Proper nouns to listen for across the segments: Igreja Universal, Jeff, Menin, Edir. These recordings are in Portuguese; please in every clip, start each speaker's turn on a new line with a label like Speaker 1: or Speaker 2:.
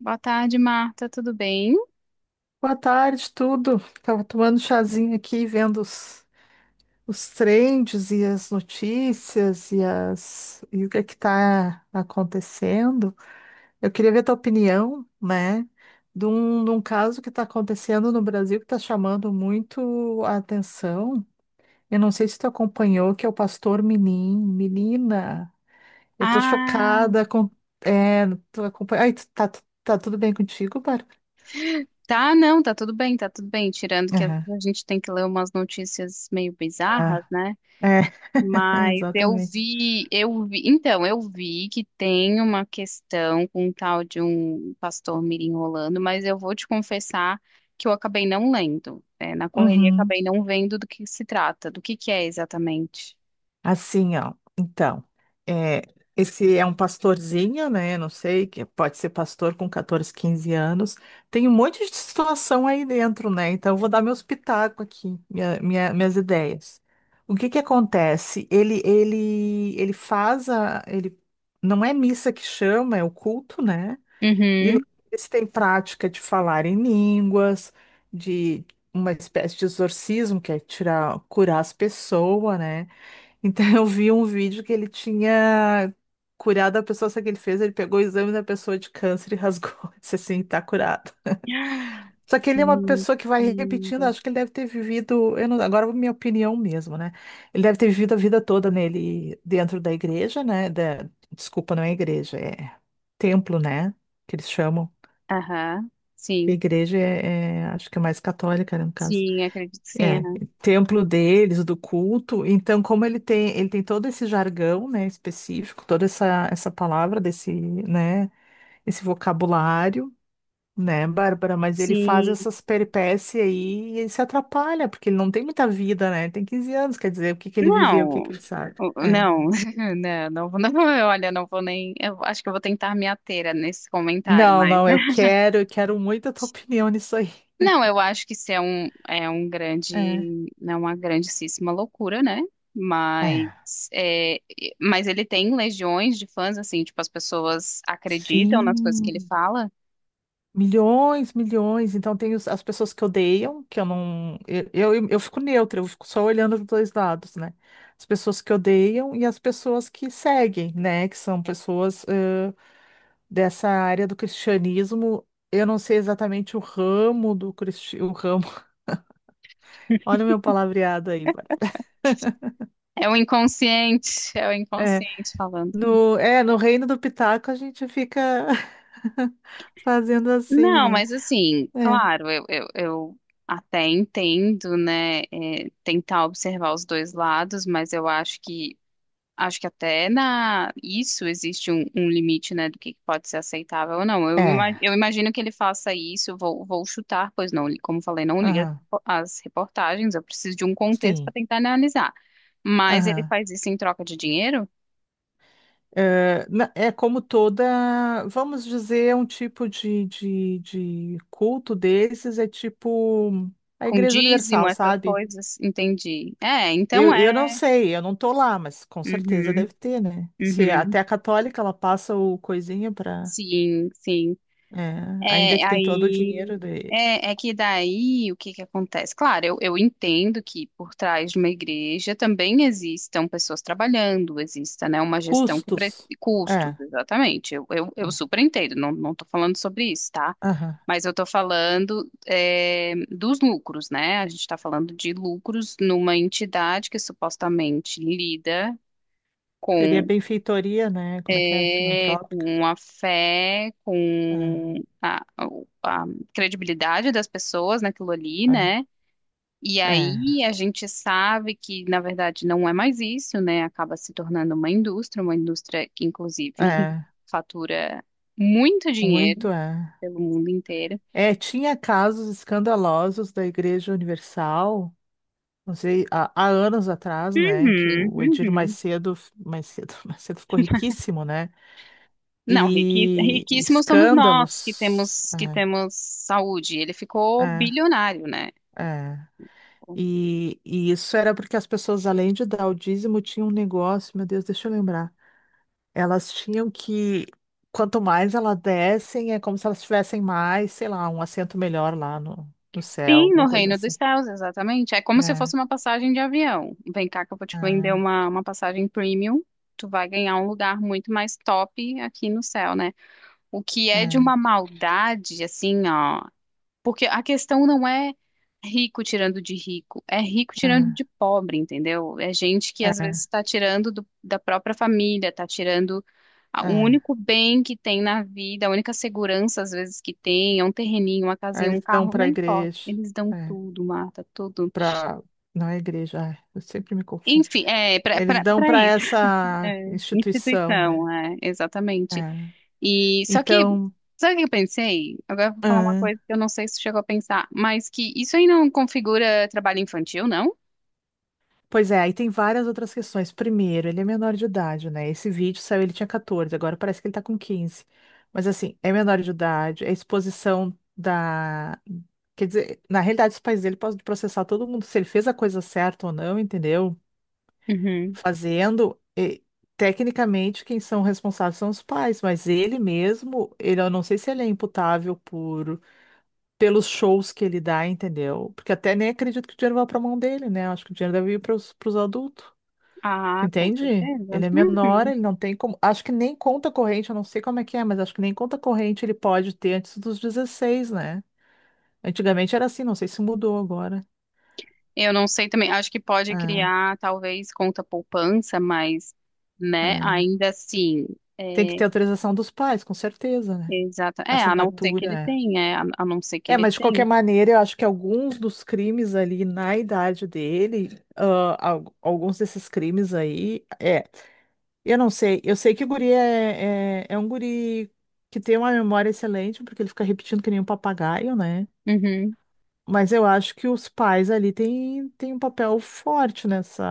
Speaker 1: Boa tarde, Marta. Tudo bem?
Speaker 2: Boa tarde, tudo. Tava tomando chazinho aqui, vendo os trends e as notícias e o que é que tá acontecendo. Eu queria ver a tua opinião, né, de um caso que está acontecendo no Brasil que está chamando muito a atenção. Eu não sei se tu acompanhou, que é o pastor Menin. Menina, eu tô
Speaker 1: Ah,
Speaker 2: chocada com. É, tu acompanha. Ai, tá tudo bem contigo, Bárbara?
Speaker 1: tá, não, tá tudo bem, tá tudo bem. Tirando que a
Speaker 2: Aham.
Speaker 1: gente tem que ler umas notícias meio bizarras,
Speaker 2: Ah,
Speaker 1: né?
Speaker 2: é,
Speaker 1: Mas eu
Speaker 2: exatamente.
Speaker 1: vi, eu vi, então, eu vi que tem uma questão com um tal de um pastor mirim rolando, mas eu vou te confessar que eu acabei não lendo. É, na correria
Speaker 2: Uhum.
Speaker 1: acabei não vendo do que se trata, do que é exatamente.
Speaker 2: Assim, ó. Então, é, esse é um pastorzinho, né? Não sei, que pode ser pastor com 14, 15 anos. Tem um monte de situação aí dentro, né? Então, eu vou dar meus pitacos aqui, minha- minha- minhas ideias. O que que acontece? Ele faz ele não é missa que chama, é o culto, né? E lá
Speaker 1: Uhum.
Speaker 2: eles têm prática de falar em línguas, de uma espécie de exorcismo, que é tirar, curar as pessoas, né? Então eu vi um vídeo que ele tinha curado a pessoa, só que ele pegou o exame da pessoa de câncer e rasgou. Disse assim, tá curado. Só que ele é uma pessoa que vai repetindo,
Speaker 1: Mentira.
Speaker 2: acho que ele deve ter vivido, eu não, agora minha opinião mesmo, né? Ele deve ter vivido a vida toda nele dentro da igreja, né? Desculpa, não é igreja, é templo, né? Que eles chamam.
Speaker 1: Aham, sim.
Speaker 2: Igreja é, acho que é mais católica, né, no caso.
Speaker 1: Sim, acredito que sim.
Speaker 2: É,
Speaker 1: Aham.
Speaker 2: templo deles, do culto. Então, como ele tem todo esse jargão, né, específico, toda essa, essa palavra desse, né, esse vocabulário, né, Bárbara, mas ele faz
Speaker 1: Sim.
Speaker 2: essas peripécias aí e ele se atrapalha, porque ele não tem muita vida, né? Tem 15 anos, quer dizer, o que que ele viveu, o que que
Speaker 1: Não.
Speaker 2: ele sabe.
Speaker 1: O-
Speaker 2: É.
Speaker 1: Não, não, não, vou- não, vou- Olha, não vou nem. Eu acho que eu vou tentar me ater a nesse comentário,
Speaker 2: Não,
Speaker 1: mas.
Speaker 2: não, eu quero, eu quero muito a tua opinião nisso aí.
Speaker 1: Não, eu acho que isso é é um
Speaker 2: É.
Speaker 1: grande, não é uma grandíssima loucura, né? Mas,
Speaker 2: É.
Speaker 1: mas ele tem legiões de fãs, assim, tipo, as pessoas acreditam nas coisas que ele
Speaker 2: Sim.
Speaker 1: fala.
Speaker 2: Milhões, milhões. Então tem as pessoas que odeiam, que eu não. Eu fico neutra, eu fico só olhando dos dois lados, né? As pessoas que odeiam e as pessoas que seguem, né? Que são pessoas dessa área do cristianismo. Eu não sei exatamente o ramo. Olha o meu palavreado aí, Bárbara.
Speaker 1: É o inconsciente, é o
Speaker 2: É,
Speaker 1: inconsciente falando.
Speaker 2: no reino do Pitaco a gente fica fazendo assim,
Speaker 1: Não,
Speaker 2: né?
Speaker 1: mas assim,
Speaker 2: É.
Speaker 1: claro, eu até entendo, né, é, tentar observar os dois lados, mas eu acho que até na isso existe um limite, né, do que pode ser aceitável ou não.
Speaker 2: É.
Speaker 1: Eu imagino que ele faça isso, vou chutar, pois não, como falei, não li as,
Speaker 2: Aham.
Speaker 1: as reportagens, eu preciso de um contexto para
Speaker 2: Sim.
Speaker 1: tentar analisar. Mas ele
Speaker 2: Aham.
Speaker 1: faz isso em troca de dinheiro?
Speaker 2: É, é como toda, vamos dizer, um tipo de culto desses, é tipo a
Speaker 1: Com
Speaker 2: Igreja
Speaker 1: dízimo,
Speaker 2: Universal,
Speaker 1: essas
Speaker 2: sabe?
Speaker 1: coisas, entendi. É, então
Speaker 2: Eu não
Speaker 1: é.
Speaker 2: sei, eu não tô lá, mas com certeza
Speaker 1: Uhum,
Speaker 2: deve ter, né? Se
Speaker 1: uhum.
Speaker 2: até a católica ela passa o coisinha para,
Speaker 1: Sim, sim.
Speaker 2: ainda
Speaker 1: É,
Speaker 2: que tem todo o dinheiro
Speaker 1: aí
Speaker 2: de
Speaker 1: é que daí o que acontece? Claro, eu entendo que por trás de uma igreja também existam pessoas trabalhando, exista, né, uma gestão que
Speaker 2: custos.
Speaker 1: custos,
Speaker 2: É,
Speaker 1: exatamente. Eu
Speaker 2: é,
Speaker 1: super entendo, não, não tô falando sobre isso, tá?
Speaker 2: aham.
Speaker 1: Mas eu tô falando é, dos lucros, né? A gente está falando de lucros numa entidade que supostamente lida
Speaker 2: Seria
Speaker 1: com
Speaker 2: benfeitoria, né? Como é que é?
Speaker 1: é,
Speaker 2: Filantrópica?
Speaker 1: com a fé,
Speaker 2: É,
Speaker 1: com a, a credibilidade das pessoas naquilo ali,
Speaker 2: é,
Speaker 1: né? E aí a gente sabe que, na verdade, não é mais isso, né? Acaba se tornando uma indústria que,
Speaker 2: é,
Speaker 1: inclusive,
Speaker 2: é,
Speaker 1: fatura muito dinheiro
Speaker 2: muito, é.
Speaker 1: pelo mundo inteiro.
Speaker 2: É, tinha casos escandalosos da Igreja Universal, não sei, há anos atrás, né, que
Speaker 1: Uhum,
Speaker 2: o Edir
Speaker 1: uhum.
Speaker 2: mais cedo, mais cedo ficou riquíssimo, né,
Speaker 1: Não,
Speaker 2: e
Speaker 1: riquíssimos somos nós que
Speaker 2: escândalos,
Speaker 1: temos saúde. Ele
Speaker 2: é,
Speaker 1: ficou
Speaker 2: é,
Speaker 1: bilionário, né?
Speaker 2: é. E isso era porque as pessoas, além de dar o dízimo, tinham um negócio, meu Deus, deixa eu lembrar, elas tinham que, quanto mais elas dessem, é como se elas tivessem mais, sei lá, um assento melhor lá no, no céu,
Speaker 1: Sim,
Speaker 2: alguma
Speaker 1: no
Speaker 2: coisa
Speaker 1: Reino dos
Speaker 2: assim.
Speaker 1: Céus, exatamente. É como se
Speaker 2: É,
Speaker 1: fosse uma passagem de avião. Vem cá que eu vou te vender
Speaker 2: é.
Speaker 1: uma passagem premium. Tu vai ganhar um lugar muito mais top aqui no céu, né? O que é de
Speaker 2: É,
Speaker 1: uma maldade, assim, ó. Porque a questão não é rico tirando de rico, é rico
Speaker 2: é,
Speaker 1: tirando de pobre, entendeu? É gente que às vezes
Speaker 2: é,
Speaker 1: está tirando da própria família, está tirando o
Speaker 2: é.
Speaker 1: único bem que tem na vida, a única segurança às vezes que tem, é um terreninho, uma
Speaker 2: Aí
Speaker 1: casinha, um
Speaker 2: eles dão
Speaker 1: carro,
Speaker 2: para
Speaker 1: não
Speaker 2: a
Speaker 1: importa.
Speaker 2: igreja,
Speaker 1: Eles dão
Speaker 2: é,
Speaker 1: tudo, Marta, tudo.
Speaker 2: para não é igreja, ai, eu sempre me confundo.
Speaker 1: Enfim, é
Speaker 2: Eles dão
Speaker 1: para
Speaker 2: para
Speaker 1: isso.
Speaker 2: essa
Speaker 1: É,
Speaker 2: instituição, né?
Speaker 1: instituição, é, exatamente.
Speaker 2: É.
Speaker 1: E só que,
Speaker 2: Então,
Speaker 1: sabe o que eu pensei? Agora eu vou falar uma
Speaker 2: ah,
Speaker 1: coisa que eu não sei se chegou a pensar, mas que isso aí não configura trabalho infantil, não?
Speaker 2: pois é, aí tem várias outras questões. Primeiro, ele é menor de idade, né? Esse vídeo saiu, ele tinha 14, agora parece que ele tá com 15. Mas assim, é menor de idade, é exposição da. Quer dizer, na realidade, os pais dele podem processar todo mundo se ele fez a coisa certa ou não, entendeu?
Speaker 1: Uhum.
Speaker 2: Fazendo, e, tecnicamente quem são responsáveis são os pais, mas ele mesmo, eu não sei se ele é imputável por pelos shows que ele dá, entendeu? Porque até nem acredito que o dinheiro vá para a mão dele, né? Eu acho que o dinheiro deve ir para os adultos,
Speaker 1: Ah, com
Speaker 2: entende?
Speaker 1: certeza.
Speaker 2: Ele é menor,
Speaker 1: Uhum.
Speaker 2: ele não tem como. Acho que nem conta corrente, eu não sei como é que é, mas acho que nem conta corrente ele pode ter antes dos 16 né? Antigamente era assim, não sei se mudou agora.
Speaker 1: Eu não sei também, acho que pode
Speaker 2: Ah,
Speaker 1: criar talvez conta poupança, mas, né,
Speaker 2: é.
Speaker 1: ainda assim,
Speaker 2: Tem que
Speaker 1: é,
Speaker 2: ter autorização dos pais, com certeza, né?
Speaker 1: exato. É, a não ser que
Speaker 2: Assinatura.
Speaker 1: ele
Speaker 2: É.
Speaker 1: tenha, é, a não ser que
Speaker 2: É,
Speaker 1: ele
Speaker 2: mas de qualquer
Speaker 1: tenha.
Speaker 2: maneira, eu acho que alguns dos crimes ali na idade dele, ah, alguns desses crimes aí, é. Eu não sei, eu sei que o guri é um guri que tem uma memória excelente, porque ele fica repetindo que nem um papagaio, né?
Speaker 1: Uhum.
Speaker 2: Mas eu acho que os pais ali têm um papel forte nessa,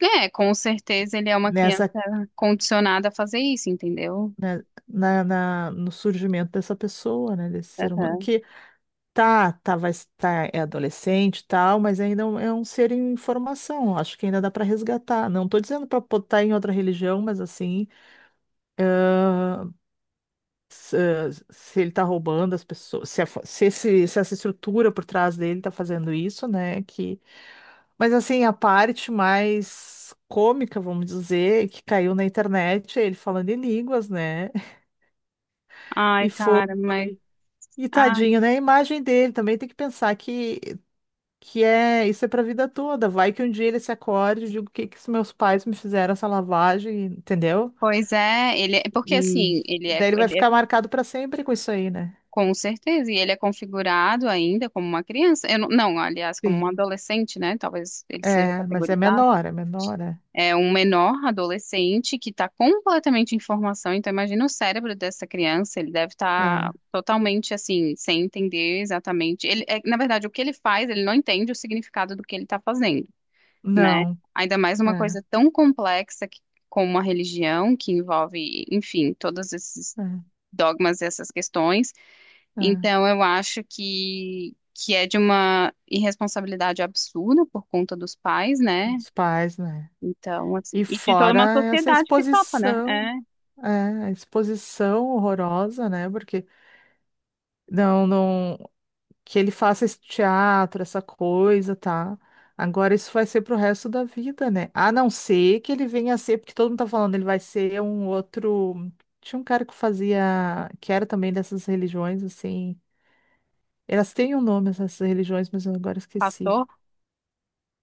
Speaker 1: É, com certeza ele é uma criança
Speaker 2: nessa,
Speaker 1: condicionada a fazer isso, entendeu?
Speaker 2: né, no surgimento dessa pessoa, né? Desse ser humano,
Speaker 1: Aham.
Speaker 2: tá, tá, vai estar, é adolescente e tal, mas ainda é um ser em formação. Acho que ainda dá para resgatar. Não tô dizendo para botar em outra religião, mas assim, se ele tá roubando as pessoas, se, se, se essa estrutura por trás dele tá fazendo isso, né? Que. Mas assim, a parte mais cômica, vamos dizer, que caiu na internet, é ele falando em línguas, né?
Speaker 1: Ai,
Speaker 2: E foi.
Speaker 1: cara, mas.
Speaker 2: E
Speaker 1: Ai,
Speaker 2: tadinho, né? A imagem dele também tem que pensar que. Que é, isso é pra vida toda. Vai que um dia ele se acorde e diga o que que os meus pais me fizeram essa lavagem, entendeu?
Speaker 1: pois é, ele é porque
Speaker 2: E,
Speaker 1: assim,
Speaker 2: e daí ele vai
Speaker 1: ele é
Speaker 2: ficar marcado pra sempre com isso aí, né?
Speaker 1: com certeza, e ele é configurado ainda como uma criança. Eu não, aliás, como um
Speaker 2: Sim.
Speaker 1: adolescente, né? Talvez ele seja
Speaker 2: É, mas é
Speaker 1: categorizado.
Speaker 2: menor, é menor, é.
Speaker 1: É um menor adolescente que está completamente em formação. Então, imagina o cérebro dessa criança, ele deve estar
Speaker 2: É.
Speaker 1: totalmente assim, sem entender exatamente. Ele, é, na verdade, o que ele faz, ele não entende o significado do que ele está fazendo, né?
Speaker 2: Não,
Speaker 1: Ainda mais uma
Speaker 2: é,
Speaker 1: coisa tão complexa que como uma religião que envolve, enfim, todos esses
Speaker 2: é,
Speaker 1: dogmas e essas questões.
Speaker 2: é.
Speaker 1: Então, eu acho que é de uma irresponsabilidade absurda por conta dos pais, né?
Speaker 2: Os pais, né?
Speaker 1: Então, assim,
Speaker 2: E
Speaker 1: e de toda
Speaker 2: fora
Speaker 1: uma
Speaker 2: essa
Speaker 1: sociedade que topa, né?
Speaker 2: exposição,
Speaker 1: É,
Speaker 2: é, a exposição horrorosa, né? Porque não, não. Que ele faça esse teatro, essa coisa, tá? Agora isso vai ser pro resto da vida, né? A não ser que ele venha a ser, porque todo mundo tá falando, ele vai ser um outro. Tinha um cara que fazia, que era também dessas religiões, assim. Elas têm um nome, essas religiões, mas eu agora
Speaker 1: pastor,
Speaker 2: esqueci.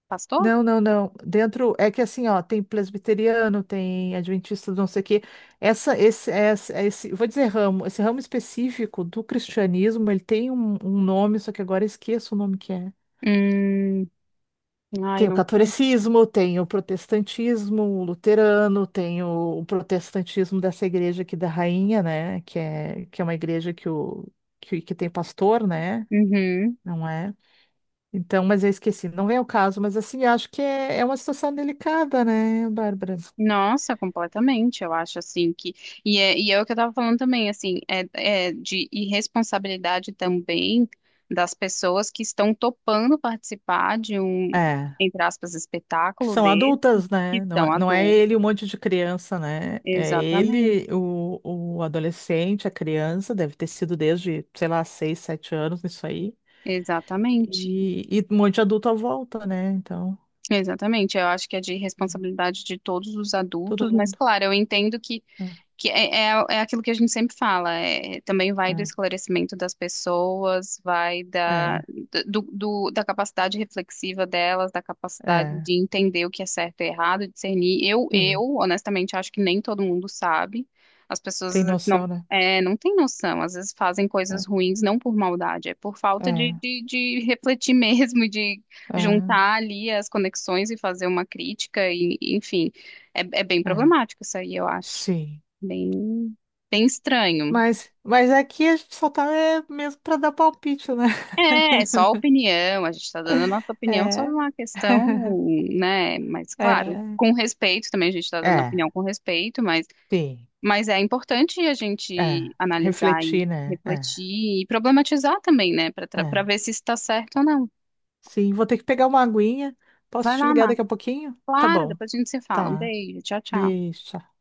Speaker 1: pastor?
Speaker 2: Não, não, não. Dentro é que assim, ó, tem presbiteriano, tem adventista, do não sei o quê. Essa, esse, vou dizer ramo, esse ramo específico do cristianismo, ele tem um, um nome, só que agora eu esqueço o nome que é.
Speaker 1: Hum, ai,
Speaker 2: Tem o
Speaker 1: não sei.
Speaker 2: catolicismo, tem o protestantismo, o luterano, tem o protestantismo dessa igreja aqui da Rainha, né? Que é uma igreja que, o, que, que tem pastor, né?
Speaker 1: Uhum.
Speaker 2: Não é? Então, mas eu esqueci, não vem ao caso, mas assim, acho que é, é uma situação delicada, né, Bárbara?
Speaker 1: Nossa, completamente. Eu acho assim que. E e é o que eu tava falando também, assim, é de irresponsabilidade também das pessoas que estão topando participar de um,
Speaker 2: É,
Speaker 1: entre aspas,
Speaker 2: que
Speaker 1: espetáculo.
Speaker 2: são adultas,
Speaker 1: Que
Speaker 2: né? Não
Speaker 1: são
Speaker 2: é,
Speaker 1: a
Speaker 2: não é
Speaker 1: dor.
Speaker 2: ele um monte de criança, né? É
Speaker 1: Exatamente,
Speaker 2: ele, o adolescente, a criança, deve ter sido desde, sei lá, seis, sete anos, isso aí.
Speaker 1: exatamente.
Speaker 2: E um monte de adulto à volta, né? Então,
Speaker 1: Exatamente, eu acho que é de responsabilidade de todos os
Speaker 2: todo
Speaker 1: adultos, mas
Speaker 2: mundo.
Speaker 1: claro, eu entendo que
Speaker 2: É,
Speaker 1: Que é, é aquilo que a gente sempre fala, é, também vai do esclarecimento das pessoas, vai da,
Speaker 2: é,
Speaker 1: da capacidade reflexiva delas, da
Speaker 2: é,
Speaker 1: capacidade
Speaker 2: é.
Speaker 1: de entender o que é certo e errado, discernir. Eu,
Speaker 2: Sim,
Speaker 1: eu, honestamente, acho que nem todo mundo sabe. As pessoas
Speaker 2: tem
Speaker 1: às vezes, não,
Speaker 2: noção, né?
Speaker 1: é, não têm noção, às vezes fazem coisas
Speaker 2: É,
Speaker 1: ruins não por maldade, é por falta de,
Speaker 2: é,
Speaker 1: de, de refletir mesmo, de
Speaker 2: é,
Speaker 1: juntar ali as conexões e fazer uma crítica, e, enfim, é, é bem
Speaker 2: é.
Speaker 1: problemático isso aí, eu acho.
Speaker 2: Sim.
Speaker 1: Bem, bem estranho.
Speaker 2: Mas aqui a gente só tá é, mesmo para dar palpite, né?
Speaker 1: É, é só a opinião, a gente está dando a nossa opinião sobre
Speaker 2: É.
Speaker 1: uma questão, né? Mas, claro,
Speaker 2: É.
Speaker 1: com respeito também, a gente está dando
Speaker 2: É,
Speaker 1: opinião com respeito,
Speaker 2: sim.
Speaker 1: mas é importante a
Speaker 2: É.
Speaker 1: gente analisar e
Speaker 2: Refletir, né? É,
Speaker 1: refletir e problematizar também, né? Para
Speaker 2: é.
Speaker 1: ver se está certo ou não.
Speaker 2: Sim, vou ter que pegar uma aguinha. Posso
Speaker 1: Vai
Speaker 2: te
Speaker 1: lá,
Speaker 2: ligar
Speaker 1: Mar.
Speaker 2: daqui a pouquinho? Tá
Speaker 1: Claro,
Speaker 2: bom.
Speaker 1: depois a gente se fala. Um
Speaker 2: Tá.
Speaker 1: beijo, tchau, tchau.
Speaker 2: Beijo.